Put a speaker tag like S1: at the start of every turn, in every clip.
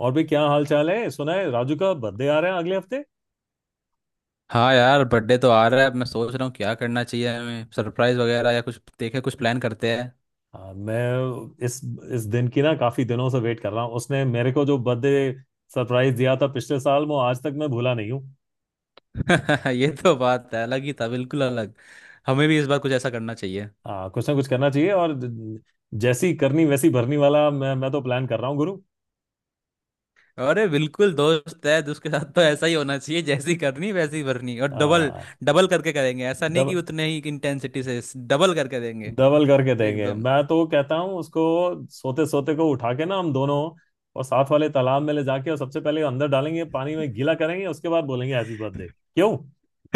S1: और भी क्या हाल चाल है। सुना है राजू का बर्थडे आ रहा है अगले हफ्ते।
S2: हाँ यार, बर्थडे तो आ रहा है। अब मैं सोच रहा हूँ क्या करना चाहिए हमें, सरप्राइज वगैरह या कुछ। देखे, कुछ प्लान करते
S1: हाँ, मैं इस दिन की ना काफी दिनों से वेट कर रहा हूँ। उसने मेरे को जो बर्थडे सरप्राइज दिया था पिछले साल वो आज तक मैं भूला नहीं हूँ।
S2: हैं। ये तो बात है, अलग ही था, बिल्कुल अलग। हमें भी इस बार कुछ ऐसा करना चाहिए।
S1: हाँ कुछ ना कुछ करना चाहिए और जैसी करनी वैसी भरनी वाला। मैं तो प्लान कर रहा हूँ गुरु।
S2: अरे बिल्कुल, दोस्त है तो उसके साथ तो ऐसा ही होना चाहिए। जैसी करनी वैसी भरनी, और डबल
S1: हाँ
S2: डबल करके करेंगे। ऐसा नहीं कि
S1: डब,
S2: उतने ही इंटेंसिटी से, डबल करके देंगे
S1: डबल करके देंगे।
S2: एकदम।
S1: मैं तो कहता हूँ उसको सोते सोते को उठा के ना हम दोनों और साथ वाले तालाब में ले जाके और सबसे पहले अंदर डालेंगे पानी में गीला करेंगे, उसके बाद बोलेंगे हैप्पी बर्थडे, क्यों?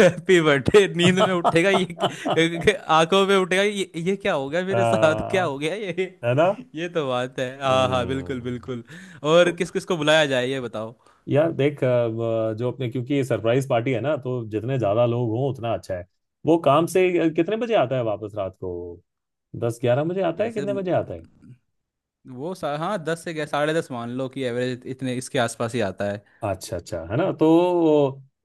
S2: Happy birthday. नींद में उठेगा ये आंखों में उठेगा, ये क्या हो गया मेरे साथ, क्या
S1: हाँ,
S2: हो गया ये।
S1: है ना।
S2: ये तो बात है। हाँ हाँ, बिल्कुल
S1: हम्म।
S2: बिल्कुल। और
S1: तो
S2: किस किस को बुलाया जाए ये बताओ।
S1: यार देख जो अपने, क्योंकि सरप्राइज पार्टी है ना तो जितने ज्यादा लोग हों उतना अच्छा है। वो काम से कितने बजे आता है वापस रात को? 10-11 बजे आता है,
S2: वैसे
S1: कितने
S2: म-
S1: बजे आता है?
S2: हाँ, दस से गया, 10:30 मान लो कि एवरेज, इतने इसके आसपास ही आता है।
S1: अच्छा, अच्छा है ना। तो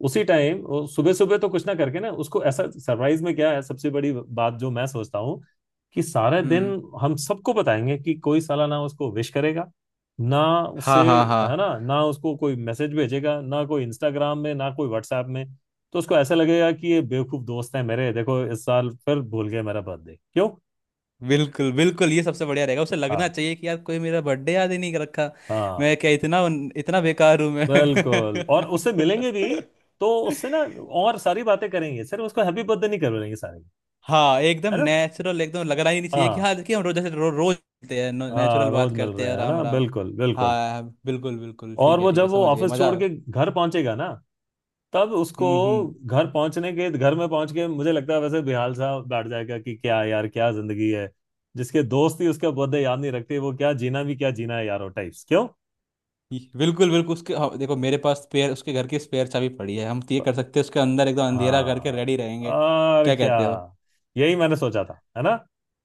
S1: उसी टाइम सुबह सुबह तो कुछ ना करके ना, उसको ऐसा सरप्राइज में क्या है सबसे बड़ी बात जो मैं सोचता हूँ कि सारा दिन
S2: हम्म।
S1: हम सबको बताएंगे कि कोई साला ना उसको विश करेगा ना, उससे
S2: हाँ हाँ हाँ,
S1: है ना, ना उसको कोई मैसेज भेजेगा ना कोई इंस्टाग्राम में ना कोई व्हाट्सएप में। तो उसको ऐसा लगेगा कि ये बेवकूफ दोस्त हैं मेरे, देखो इस साल फिर भूल गए मेरा बर्थडे, क्यों?
S2: बिल्कुल बिल्कुल। ये सबसे बढ़िया रहेगा। उसे लगना
S1: हाँ
S2: चाहिए कि यार कोई मेरा बर्थडे याद ही नहीं कर रखा।
S1: हाँ
S2: मैं क्या इतना इतना बेकार हूँ मैं।
S1: बिल्कुल। और उससे मिलेंगे भी तो उससे ना, और सारी बातें करेंगे, सिर्फ उसको हैप्पी बर्थडे नहीं करेंगे सारे,
S2: हाँ एकदम
S1: है ना।
S2: नेचुरल, एकदम लगना ही नहीं चाहिए। कि
S1: हाँ
S2: हाँ देखिए, हम रोज जैसे रोज मिलते हैं,
S1: हाँ,
S2: नेचुरल
S1: रोज
S2: बात
S1: मिल
S2: करते
S1: रहे
S2: हैं,
S1: हैं, है
S2: राम
S1: ना,
S2: राम।
S1: बिल्कुल बिल्कुल।
S2: हाँ हाँ, बिल्कुल बिल्कुल,
S1: और
S2: ठीक है
S1: वो
S2: ठीक है,
S1: जब वो
S2: समझ गए
S1: ऑफिस
S2: मजा।
S1: छोड़ के घर पहुंचेगा ना तब उसको,
S2: हम्म।
S1: घर पहुंचने के, घर में पहुंच के मुझे लगता है वैसे बेहाल सा बैठ जाएगा कि क्या यार, क्या जिंदगी है, जिसके दोस्त ही उसका बर्थडे याद नहीं रखते, वो क्या जीना भी, क्या जीना है यार वो टाइप्स, क्यों?
S2: बिल्कुल बिल्कुल। उसके, हाँ, देखो मेरे पास स्पेयर, उसके घर की स्पेयर चाबी पड़ी है। हम तो ये कर सकते हैं, उसके अंदर एकदम अंधेरा करके
S1: हाँ
S2: रेडी रहेंगे।
S1: और
S2: क्या
S1: क्या,
S2: कहते हो।
S1: यही मैंने सोचा था, है ना।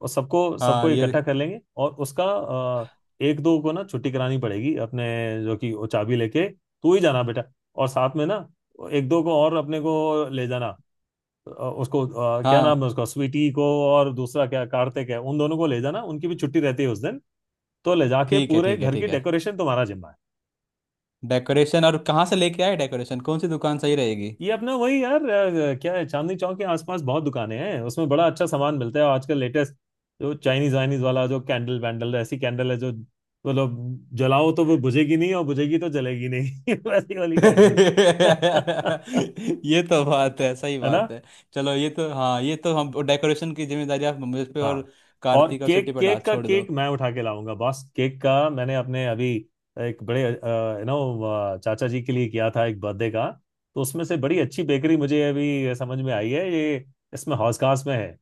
S1: और सबको सबको
S2: हाँ
S1: इकट्ठा
S2: ये,
S1: कर लेंगे और उसका एक दो को ना छुट्टी करानी पड़ेगी अपने, जो कि वो चाबी लेके तू ही जाना बेटा। और साथ में ना, एक दो को और अपने को ले जाना। अ, उसको क्या नाम
S2: हाँ
S1: है उसका, स्वीटी को, और दूसरा क्या कार्तिक है, उन दोनों को ले जाना, उनकी भी छुट्टी रहती है उस दिन। तो ले जाके
S2: ठीक है
S1: पूरे
S2: ठीक है
S1: घर
S2: ठीक
S1: की
S2: है।
S1: डेकोरेशन तुम्हारा जिम्मा है।
S2: डेकोरेशन और कहाँ से लेके आए डेकोरेशन, कौन सी दुकान सही रहेगी।
S1: ये अपना वही यार क्या है, चांदनी चौक के आसपास बहुत दुकानें हैं, उसमें बड़ा अच्छा सामान मिलता है। और आजकल लेटेस्ट जो चाइनीज वाइनीज वाला, जो कैंडल वैंडल, ऐसी कैंडल है जो मतलब जलाओ तो वो बुझेगी नहीं और बुझेगी तो जलेगी नहीं, वैसी वाली कैंडल।
S2: ये तो बात है, सही
S1: है ना।
S2: बात है। चलो, ये तो हाँ, ये तो हम डेकोरेशन की जिम्मेदारी आप मुझ पे और
S1: हाँ। और
S2: कार्तिक और सिटी
S1: केक,
S2: पर डाल
S1: केक का,
S2: छोड़ दो।
S1: केक मैं उठा के लाऊंगा बॉस। केक का मैंने अपने अभी एक बड़े यू नो चाचा जी के लिए किया था एक बर्थडे का, तो उसमें से बड़ी अच्छी बेकरी मुझे अभी समझ में आई है ये, इसमें हौसखास में है।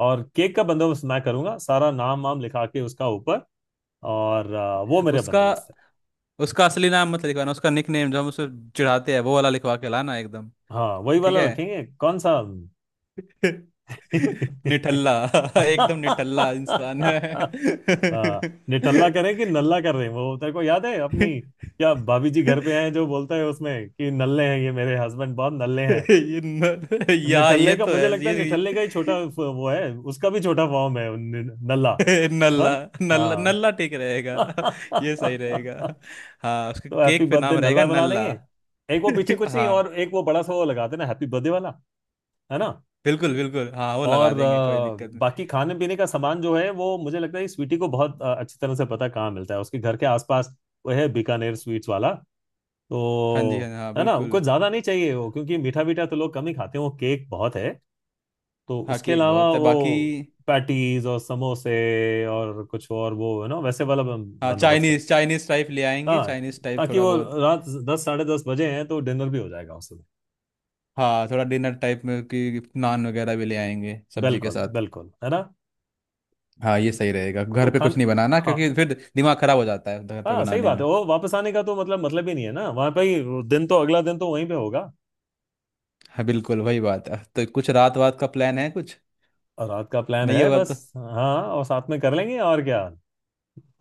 S1: और केक का बंदोबस्त मैं करूंगा सारा, नाम वाम लिखा के उसका ऊपर। और वो मेरे
S2: उसका
S1: बंदोबस्त है।
S2: उसका असली नाम मत लिखवाना, उसका निक नेम जो हम उसे चिढ़ाते हैं वो वाला लिखवा के लाना, एकदम।
S1: हाँ वही
S2: ठीक
S1: वाला
S2: है।
S1: रखेंगे, कौन सा?
S2: निठल्ला। एकदम निठल्ला इंसान है।
S1: हाँ निठल्ला करें कि नल्ला कर रहे हैं। वो तेरे को याद है अपनी, क्या भाभी जी घर पे आए जो बोलता है उसमें कि नल्ले हैं ये मेरे हस्बैंड, बहुत नल्ले हैं।
S2: ये न, या
S1: निठल्ले
S2: ये
S1: का
S2: तो
S1: मुझे
S2: है
S1: लगता है,
S2: ये।
S1: निठल्ले का ही छोटा वो है, उसका भी छोटा फॉर्म है नल्ला। ना,
S2: नल्ला। नल्ला
S1: हाँ।
S2: नल्ला ठीक रहेगा। ये सही
S1: तो
S2: रहेगा। हाँ, उसके
S1: हैप्पी
S2: केक पे
S1: बर्थडे
S2: नाम रहेगा
S1: नल्ला बना देंगे।
S2: नल्ला।
S1: एक वो पीछे कुछ नहीं,
S2: हाँ
S1: और एक वो बड़ा सा वो लगा देना, हैप्पी बर्थडे वाला, है ना।
S2: बिल्कुल बिल्कुल, हाँ वो लगा
S1: और
S2: देंगे, कोई दिक्कत नहीं।
S1: बाकी खाने पीने का सामान जो है वो मुझे लगता है इस स्वीटी को बहुत अच्छी तरह से पता है, कहाँ मिलता है उसके घर के आसपास। वो है बीकानेर स्वीट्स वाला,
S2: हाँ जी, हाँ
S1: तो
S2: हाँ,
S1: है ना,
S2: बिल्कुल।
S1: कुछ ज्यादा नहीं चाहिए वो, क्योंकि मीठा मीठा तो लोग कम ही खाते हैं, वो केक बहुत है। तो
S2: हाँ,
S1: उसके
S2: केक
S1: अलावा
S2: बहुत है बाकी।
S1: वो पैटीज और समोसे, और कुछ और वो है ना वैसे वाला
S2: हाँ,
S1: बंदोबस्त।
S2: चाइनीज चाइनीज टाइप ले आएंगे,
S1: हाँ
S2: चाइनीज टाइप
S1: ताकि
S2: थोड़ा
S1: वो,
S2: बहुत।
S1: रात 10-10:30 बजे हैं तो डिनर भी हो जाएगा उस समय।
S2: हाँ, थोड़ा डिनर टाइप में कि नान वगैरह भी ले आएंगे सब्जी के
S1: बिल्कुल
S2: साथ।
S1: बिल्कुल, है ना।
S2: हाँ, ये सही रहेगा,
S1: तो
S2: घर पे कुछ
S1: खान,
S2: नहीं बनाना
S1: हाँ
S2: क्योंकि फिर दिमाग खराब हो जाता है घर पे
S1: हाँ सही
S2: बनाने
S1: बात है,
S2: में।
S1: वो वापस आने का तो मतलब मतलब ही नहीं है ना, वहां पे ही दिन तो, अगला दिन तो वहीं पे होगा।
S2: हाँ बिल्कुल, वही बात है। तो कुछ रात वात का प्लान है कुछ?
S1: और रात का प्लान
S2: नहीं
S1: है
S2: होगा
S1: बस,
S2: तो,
S1: हाँ और साथ में कर लेंगे, और क्या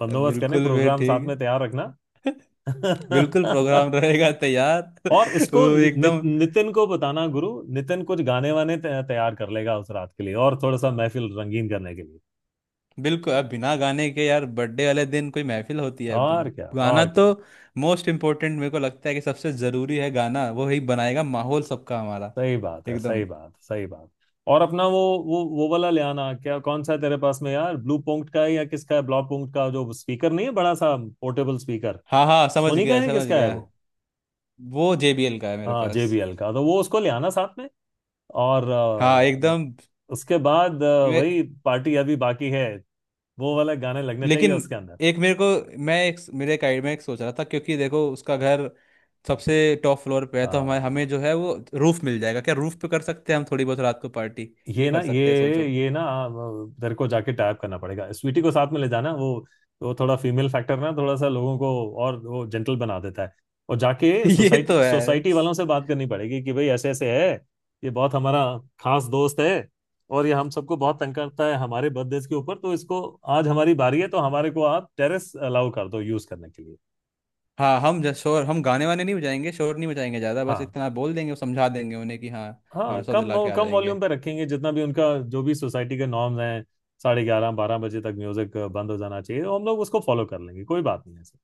S1: बंदोबस्त करें,
S2: बिल्कुल वे
S1: प्रोग्राम साथ में
S2: ठीक।
S1: तैयार रखना।
S2: बिल्कुल, प्रोग्राम रहेगा तैयार।
S1: और इसको
S2: वो एकदम
S1: नितिन को बताना गुरु, नितिन कुछ गाने वाने तैयार कर लेगा उस रात के लिए, और थोड़ा सा महफिल रंगीन करने के लिए।
S2: बिल्कुल। अब बिना गाने के यार बर्थडे वाले दिन कोई महफिल होती है?
S1: और क्या,
S2: गाना
S1: और क्या,
S2: तो मोस्ट इम्पोर्टेंट, मेरे को लगता है कि सबसे ज़रूरी है गाना। वो ही बनाएगा माहौल सबका हमारा।
S1: सही बात है,
S2: एकदम।
S1: सही बात, सही बात। और अपना वो वाला ले आना, क्या कौन सा है तेरे पास में यार, ब्लू पॉइंट का है या किसका है, ब्लॉक पॉइंट का, जो स्पीकर नहीं है बड़ा सा पोर्टेबल स्पीकर,
S2: हाँ हाँ, समझ
S1: सोनी का
S2: गया
S1: है
S2: समझ
S1: किसका है
S2: गया।
S1: वो?
S2: वो JBL का है मेरे
S1: हाँ
S2: पास।
S1: जेबीएल का, तो वो उसको ले आना साथ में। और
S2: हाँ एकदम।
S1: उसके बाद वही पार्टी अभी बाकी है, वो वाला गाने लगने चाहिए
S2: लेकिन
S1: उसके अंदर।
S2: एक मेरे को, मैं एक, मेरे एक आइडिया में, एक सोच रहा था, क्योंकि देखो उसका घर सबसे टॉप फ्लोर पे है। तो हमारे हमें
S1: हाँ
S2: जो है वो रूफ मिल जाएगा। क्या रूफ पे कर सकते हैं हम थोड़ी बहुत रात को पार्टी? ये
S1: ये ना,
S2: कर सकते हैं सोचो।
S1: तेरे को जाके टैप करना पड़ेगा, स्वीटी को साथ में ले जाना, वो थोड़ा फीमेल फैक्टर ना थोड़ा सा लोगों को और वो जेंटल बना देता है। और जाके
S2: ये
S1: सोसाइटी
S2: तो है।
S1: सोसाइटी वालों से बात करनी पड़ेगी कि भाई ऐसे ऐसे है, ये बहुत हमारा खास दोस्त है, और ये हम सबको बहुत तंग करता है हमारे बर्थडे के ऊपर, तो इसको आज हमारी बारी है, तो हमारे को आप टेरेस अलाउ कर दो यूज करने के लिए।
S2: हाँ, हम शोर, हम गाने वाने नहीं बजाएंगे, शोर नहीं बजाएंगे ज़्यादा, बस
S1: हाँ
S2: इतना बोल देंगे, समझा देंगे उन्हें कि हाँ,
S1: हाँ,
S2: भरोसा दिला
S1: कम
S2: के आ
S1: कम
S2: जाएंगे।
S1: वॉल्यूम पे रखेंगे, जितना भी उनका जो भी सोसाइटी के नॉर्म्स हैं, 11:30-12 बजे तक म्यूजिक बंद हो जाना चाहिए, तो हम लोग उसको फॉलो कर लेंगे, कोई बात नहीं है ऐसे,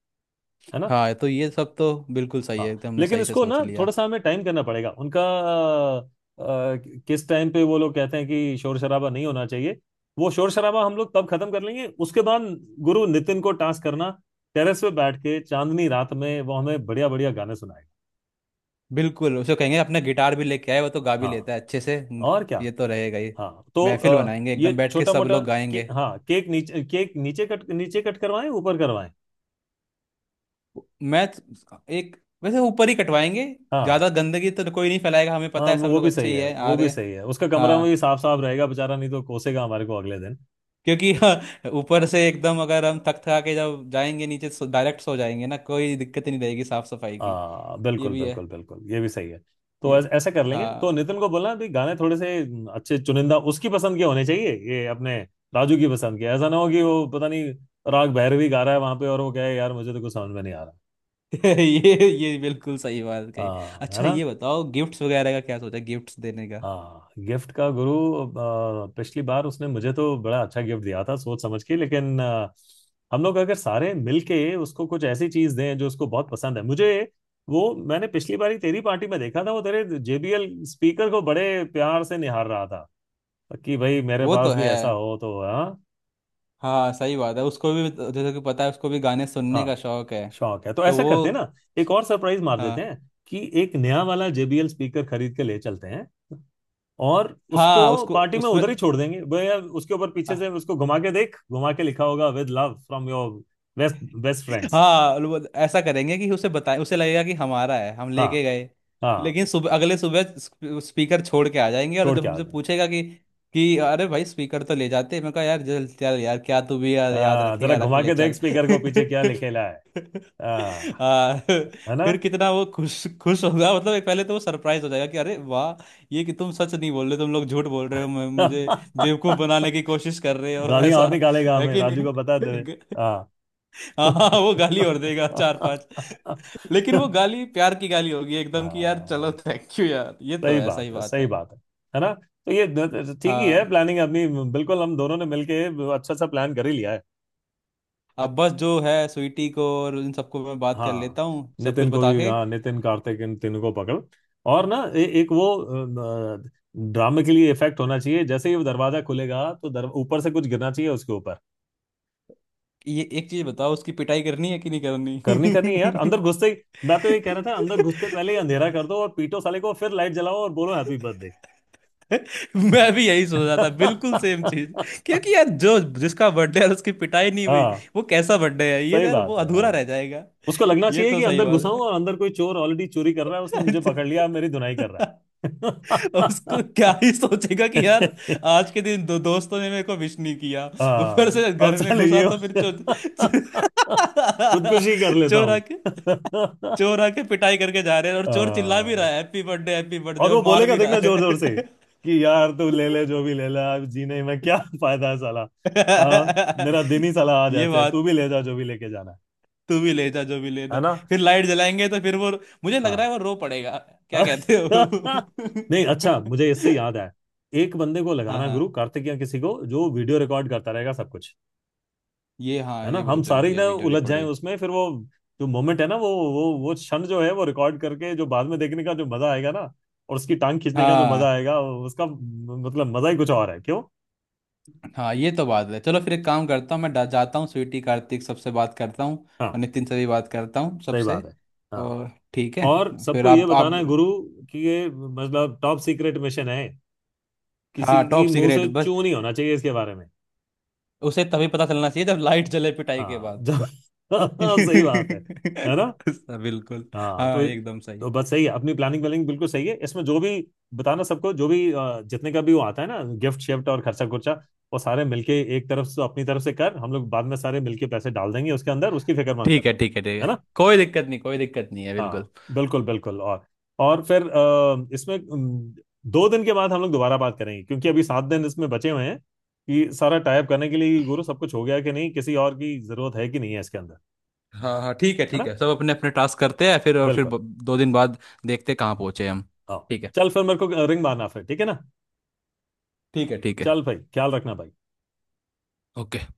S1: है ना।
S2: हाँ, तो ये सब तो बिल्कुल सही है,
S1: हाँ
S2: एकदम हमने
S1: लेकिन
S2: सही से
S1: इसको
S2: सोच
S1: ना थोड़ा
S2: लिया।
S1: सा हमें टाइम करना पड़ेगा उनका, अ, किस टाइम पे वो लोग कहते हैं कि शोर शराबा नहीं होना चाहिए, वो शोर शराबा हम लोग तब खत्म कर लेंगे। उसके बाद गुरु नितिन को टास्क करना, टेरेस पे बैठ के चांदनी रात में वो हमें बढ़िया बढ़िया गाने सुनाएगा।
S2: बिल्कुल, उसे कहेंगे अपना गिटार भी लेके आए, वो तो गा भी लेता
S1: हाँ
S2: है अच्छे से। हम्म।
S1: और क्या,
S2: ये तो रहेगा ही।
S1: हाँ तो
S2: महफिल बनाएंगे
S1: ये
S2: एकदम, बैठ के
S1: छोटा
S2: सब
S1: मोटा,
S2: लोग गाएंगे।
S1: हाँ केक नीचे, कट नीचे कट करवाएं, ऊपर करवाएं?
S2: मैं तो- एक वैसे ऊपर ही कटवाएंगे।
S1: हाँ।
S2: ज़्यादा गंदगी तो कोई नहीं फैलाएगा, हमें
S1: हाँ
S2: पता है
S1: वो
S2: सब
S1: वो
S2: लोग
S1: भी
S2: अच्छे
S1: सही
S2: ही
S1: है,
S2: है आ
S1: वो भी
S2: रहे।
S1: सही है, उसका कमरा में
S2: हाँ।
S1: भी साफ साफ रहेगा बेचारा, नहीं तो कोसेगा हमारे को अगले दिन।
S2: क्योंकि हाँ, ऊपर से एकदम, अगर हम थक थका के जब जाएंगे नीचे डायरेक्ट सो जाएंगे ना, कोई दिक्कत ही नहीं रहेगी साफ सफाई की।
S1: आ,
S2: ये
S1: बिल्कुल
S2: भी है।
S1: बिल्कुल बिल्कुल, ये भी सही है। तो
S2: ये
S1: ऐसा कर लेंगे। तो
S2: हाँ।
S1: नितिन को बोलना भी, गाने थोड़े से अच्छे चुनिंदा उसकी पसंद के होने चाहिए, ये अपने राजू की पसंद के, ऐसा ना हो कि वो पता नहीं राग भैरवी गा रहा है वहां पे और वो कहे यार मुझे तो कुछ समझ में नहीं आ रहा।
S2: ये बिल्कुल सही बात कही।
S1: हाँ, है
S2: अच्छा
S1: ना।
S2: ये बताओ, गिफ्ट्स वगैरह का क्या सोचा, गिफ्ट्स देने।
S1: हाँ गिफ्ट का गुरु, पिछली बार उसने मुझे तो बड़ा अच्छा गिफ्ट दिया था सोच समझ के, लेकिन हम लोग अगर सारे मिलके उसको कुछ ऐसी चीज दें जो उसको बहुत पसंद है, मुझे वो, मैंने पिछली बारी तेरी पार्टी में देखा था वो तेरे जेबीएल स्पीकर को बड़े प्यार से निहार रहा था, कि भाई मेरे
S2: वो
S1: पास
S2: तो
S1: भी
S2: है।
S1: ऐसा हो तो, हाँ।
S2: हाँ सही बात है, उसको भी तो, जैसे कि पता है उसको भी गाने सुनने का
S1: हाँ
S2: शौक है।
S1: शौक है। तो
S2: तो
S1: ऐसा करते हैं
S2: वो,
S1: ना, एक और सरप्राइज मार देते
S2: हाँ
S1: हैं, कि एक नया वाला जेबीएल स्पीकर खरीद के ले चलते हैं, और उसको
S2: हाँ, उसको
S1: पार्टी में
S2: उसमें।
S1: उधर ही छोड़ देंगे भैया, उसके ऊपर पीछे से उसको घुमा के देख, घुमा के लिखा होगा with love from your best, best friends.
S2: हाँ वो। ऐसा करेंगे कि उसे बताए, उसे लगेगा कि हमारा है, हम
S1: हाँ।
S2: लेके गए।
S1: हाँ
S2: लेकिन सुबह, अगले सुबह स्पीकर छोड़ के आ जाएंगे, और
S1: छोड़
S2: जब
S1: के आ
S2: हमसे
S1: गए।
S2: पूछेगा कि अरे भाई, स्पीकर तो ले जाते, मैं कहा यार चल चल यार, क्या तू भी यार, याद
S1: आ, जरा
S2: रखेगा रख
S1: घुमा
S2: ले
S1: के देख
S2: चल।
S1: स्पीकर को पीछे क्या लिखेला है। आ, है ना।
S2: फिर कितना वो खुश खुश होगा। मतलब एक, पहले तो वो सरप्राइज हो जाएगा कि अरे वाह, ये कि तुम सच नहीं बोल रहे, तुम लोग झूठ बोल रहे हो, मुझे बेवकूफ बनाने की कोशिश कर रहे हो,
S1: गालियां
S2: ऐसा
S1: और निकालेगा
S2: है
S1: हमें,
S2: कि
S1: राजू
S2: नहीं।
S1: को बता दे। हाँ।
S2: हाँ हाँ, वो गाली और देगा चार पांच। लेकिन वो गाली प्यार की गाली होगी एकदम, कि यार चलो,
S1: हाँ,
S2: थैंक यू यार, ये तो
S1: सही
S2: ऐसा ही
S1: बात है,
S2: बात
S1: सही
S2: है।
S1: बात है ना। तो ये ठीक ही है
S2: हाँ।
S1: प्लानिंग अपनी, बिल्कुल हम दोनों ने मिलके अच्छा सा प्लान कर ही लिया है।
S2: अब बस जो है, स्वीटी को और इन सबको मैं बात कर
S1: हाँ
S2: लेता हूँ सब कुछ
S1: नितिन को
S2: बता
S1: भी,
S2: के।
S1: हाँ नितिन, कार्तिक, इन तीनों को पकड़। और ना एक वो अ, ड्रामे के लिए इफेक्ट होना चाहिए, जैसे ही वो दरवाजा खुलेगा तो ऊपर से कुछ गिरना चाहिए उसके ऊपर।
S2: ये एक चीज बताओ, उसकी पिटाई करनी है कि नहीं
S1: करनी, करनी है
S2: करनी?
S1: यार अंदर घुसते ही। मैं तो ये कह रहा था, अंदर घुसते पहले ही अंधेरा कर दो और पीटो साले को, फिर लाइट जलाओ और बोलो हैप्पी बर्थडे।
S2: मैं भी यही सोच रहा था, बिल्कुल सेम चीज। क्योंकि यार जो, जिसका बर्थडे है उसकी पिटाई नहीं हुई,
S1: हाँ
S2: वो कैसा बर्थडे है? ये तो
S1: सही
S2: यार वो
S1: बात है।
S2: अधूरा
S1: हाँ
S2: रह जाएगा।
S1: उसको लगना
S2: ये
S1: चाहिए
S2: तो
S1: कि
S2: सही
S1: अंदर
S2: बात।
S1: घुसा हूं और अंदर कोई चोर ऑलरेडी चोरी कर रहा है, उसने मुझे पकड़ लिया, अब मेरी धुनाई कर रहा
S2: अब उसको क्या ही सोचेगा कि यार,
S1: है।
S2: आज के दिन दो दोस्तों ने मेरे को विश नहीं किया, ऊपर
S1: हाँ
S2: से
S1: अब
S2: घर में
S1: चलो
S2: घुसा
S1: ये,
S2: तो फिर चो, चो,
S1: खुदकुशी कर लेता
S2: चोर
S1: हूँ।
S2: आके, चोर आके पिटाई करके जा रहे हैं, और चोर चिल्ला भी रहा
S1: हाँ,
S2: है, हैप्पी बर्थडे, हैप्पी बर्थडे,
S1: और वो
S2: और मार
S1: बोलेगा
S2: भी रहा
S1: देखना, जोर जोर से कि यार तू
S2: है।
S1: ले ले जो भी ले ले, अब जीने में क्या फायदा है साला। हाँ मेरा दिन ही साला आज
S2: ये
S1: ऐसे है, तू
S2: बात।
S1: भी ले जा जो भी लेके जाना है
S2: तू भी ले जा जो भी
S1: है
S2: लेना।
S1: ना।
S2: फिर लाइट जलाएंगे तो फिर वो, मुझे लग रहा
S1: हाँ।
S2: है वो रो पड़ेगा। क्या कहते
S1: नहीं अच्छा,
S2: हो।
S1: मुझे इससे याद आया, एक बंदे को लगाना
S2: हाँ
S1: गुरु, कार्तिक या किसी को, जो वीडियो रिकॉर्ड करता रहेगा सब कुछ,
S2: ये, हाँ
S1: है ना।
S2: ये
S1: हम
S2: बहुत
S1: सारे
S2: जरूरी
S1: ही
S2: है,
S1: ना
S2: वीडियो
S1: उलझ जाएं
S2: रिकॉर्डिंग।
S1: उसमें, फिर वो जो मोमेंट है ना, वो क्षण जो है वो रिकॉर्ड करके जो बाद में देखने का जो मजा आएगा ना, और उसकी टांग खींचने का जो मजा
S2: हाँ
S1: आएगा उसका, मतलब मजा ही कुछ और है, क्यों?
S2: हाँ, ये तो बात है। चलो फिर एक काम करता हूँ, मैं जाता हूँ, स्वीटी कार्तिक सबसे बात करता हूँ, और
S1: हाँ
S2: नितिन से भी बात करता हूँ
S1: सही
S2: सबसे।
S1: बात है। हाँ
S2: और ठीक है।
S1: और
S2: फिर
S1: सबको ये
S2: आप
S1: बताना
S2: आप
S1: है गुरु, कि ये मतलब टॉप सीक्रेट मिशन है, किसी
S2: हाँ
S1: की
S2: टॉप
S1: मुंह
S2: सीक्रेट
S1: से
S2: बस,
S1: चू नहीं होना चाहिए इसके बारे में।
S2: उसे तभी पता चलना चाहिए जब लाइट जले, पिटाई के
S1: हाँ
S2: बाद।
S1: जब, सही बात है ना।
S2: बिल्कुल।
S1: हाँ
S2: हाँ
S1: तो
S2: एकदम सही।
S1: तो बस सही है, अपनी प्लानिंग व्लानिंग बिल्कुल सही है। इसमें जो भी बताना सबको, जो भी जितने का भी वो आता है ना, गिफ्ट शिफ्ट और खर्चा खुर्चा, वो सारे मिलके एक तरफ से अपनी तरफ से कर, हम लोग बाद में सारे मिलके पैसे डाल देंगे उसके अंदर, उसकी फिक्र मत
S2: ठीक है
S1: करना,
S2: ठीक है ठीक
S1: है
S2: है।
S1: ना।
S2: कोई दिक्कत नहीं, कोई दिक्कत नहीं है
S1: हाँ
S2: बिल्कुल।
S1: बिल्कुल बिल्कुल। और फिर इसमें 2 दिन के बाद हम लोग दोबारा बात करेंगे, क्योंकि अभी 7 दिन इसमें बचे हुए हैं, कि सारा टाइप करने के लिए गुरु सब कुछ हो गया कि नहीं, किसी और की जरूरत है कि नहीं है इसके अंदर,
S2: हाँ हाँ, ठीक है
S1: है
S2: ठीक
S1: ना।
S2: है। सब अपने अपने टास्क करते हैं फिर, और फिर
S1: बिल्कुल।
S2: 2 दिन बाद देखते हैं कहाँ पहुंचे हम।
S1: हाँ
S2: ठीक है
S1: चल, फिर मेरे को रिंग मारना फिर, ठीक है ना।
S2: ठीक है ठीक है।
S1: चल भाई ख्याल रखना भाई।
S2: ओके।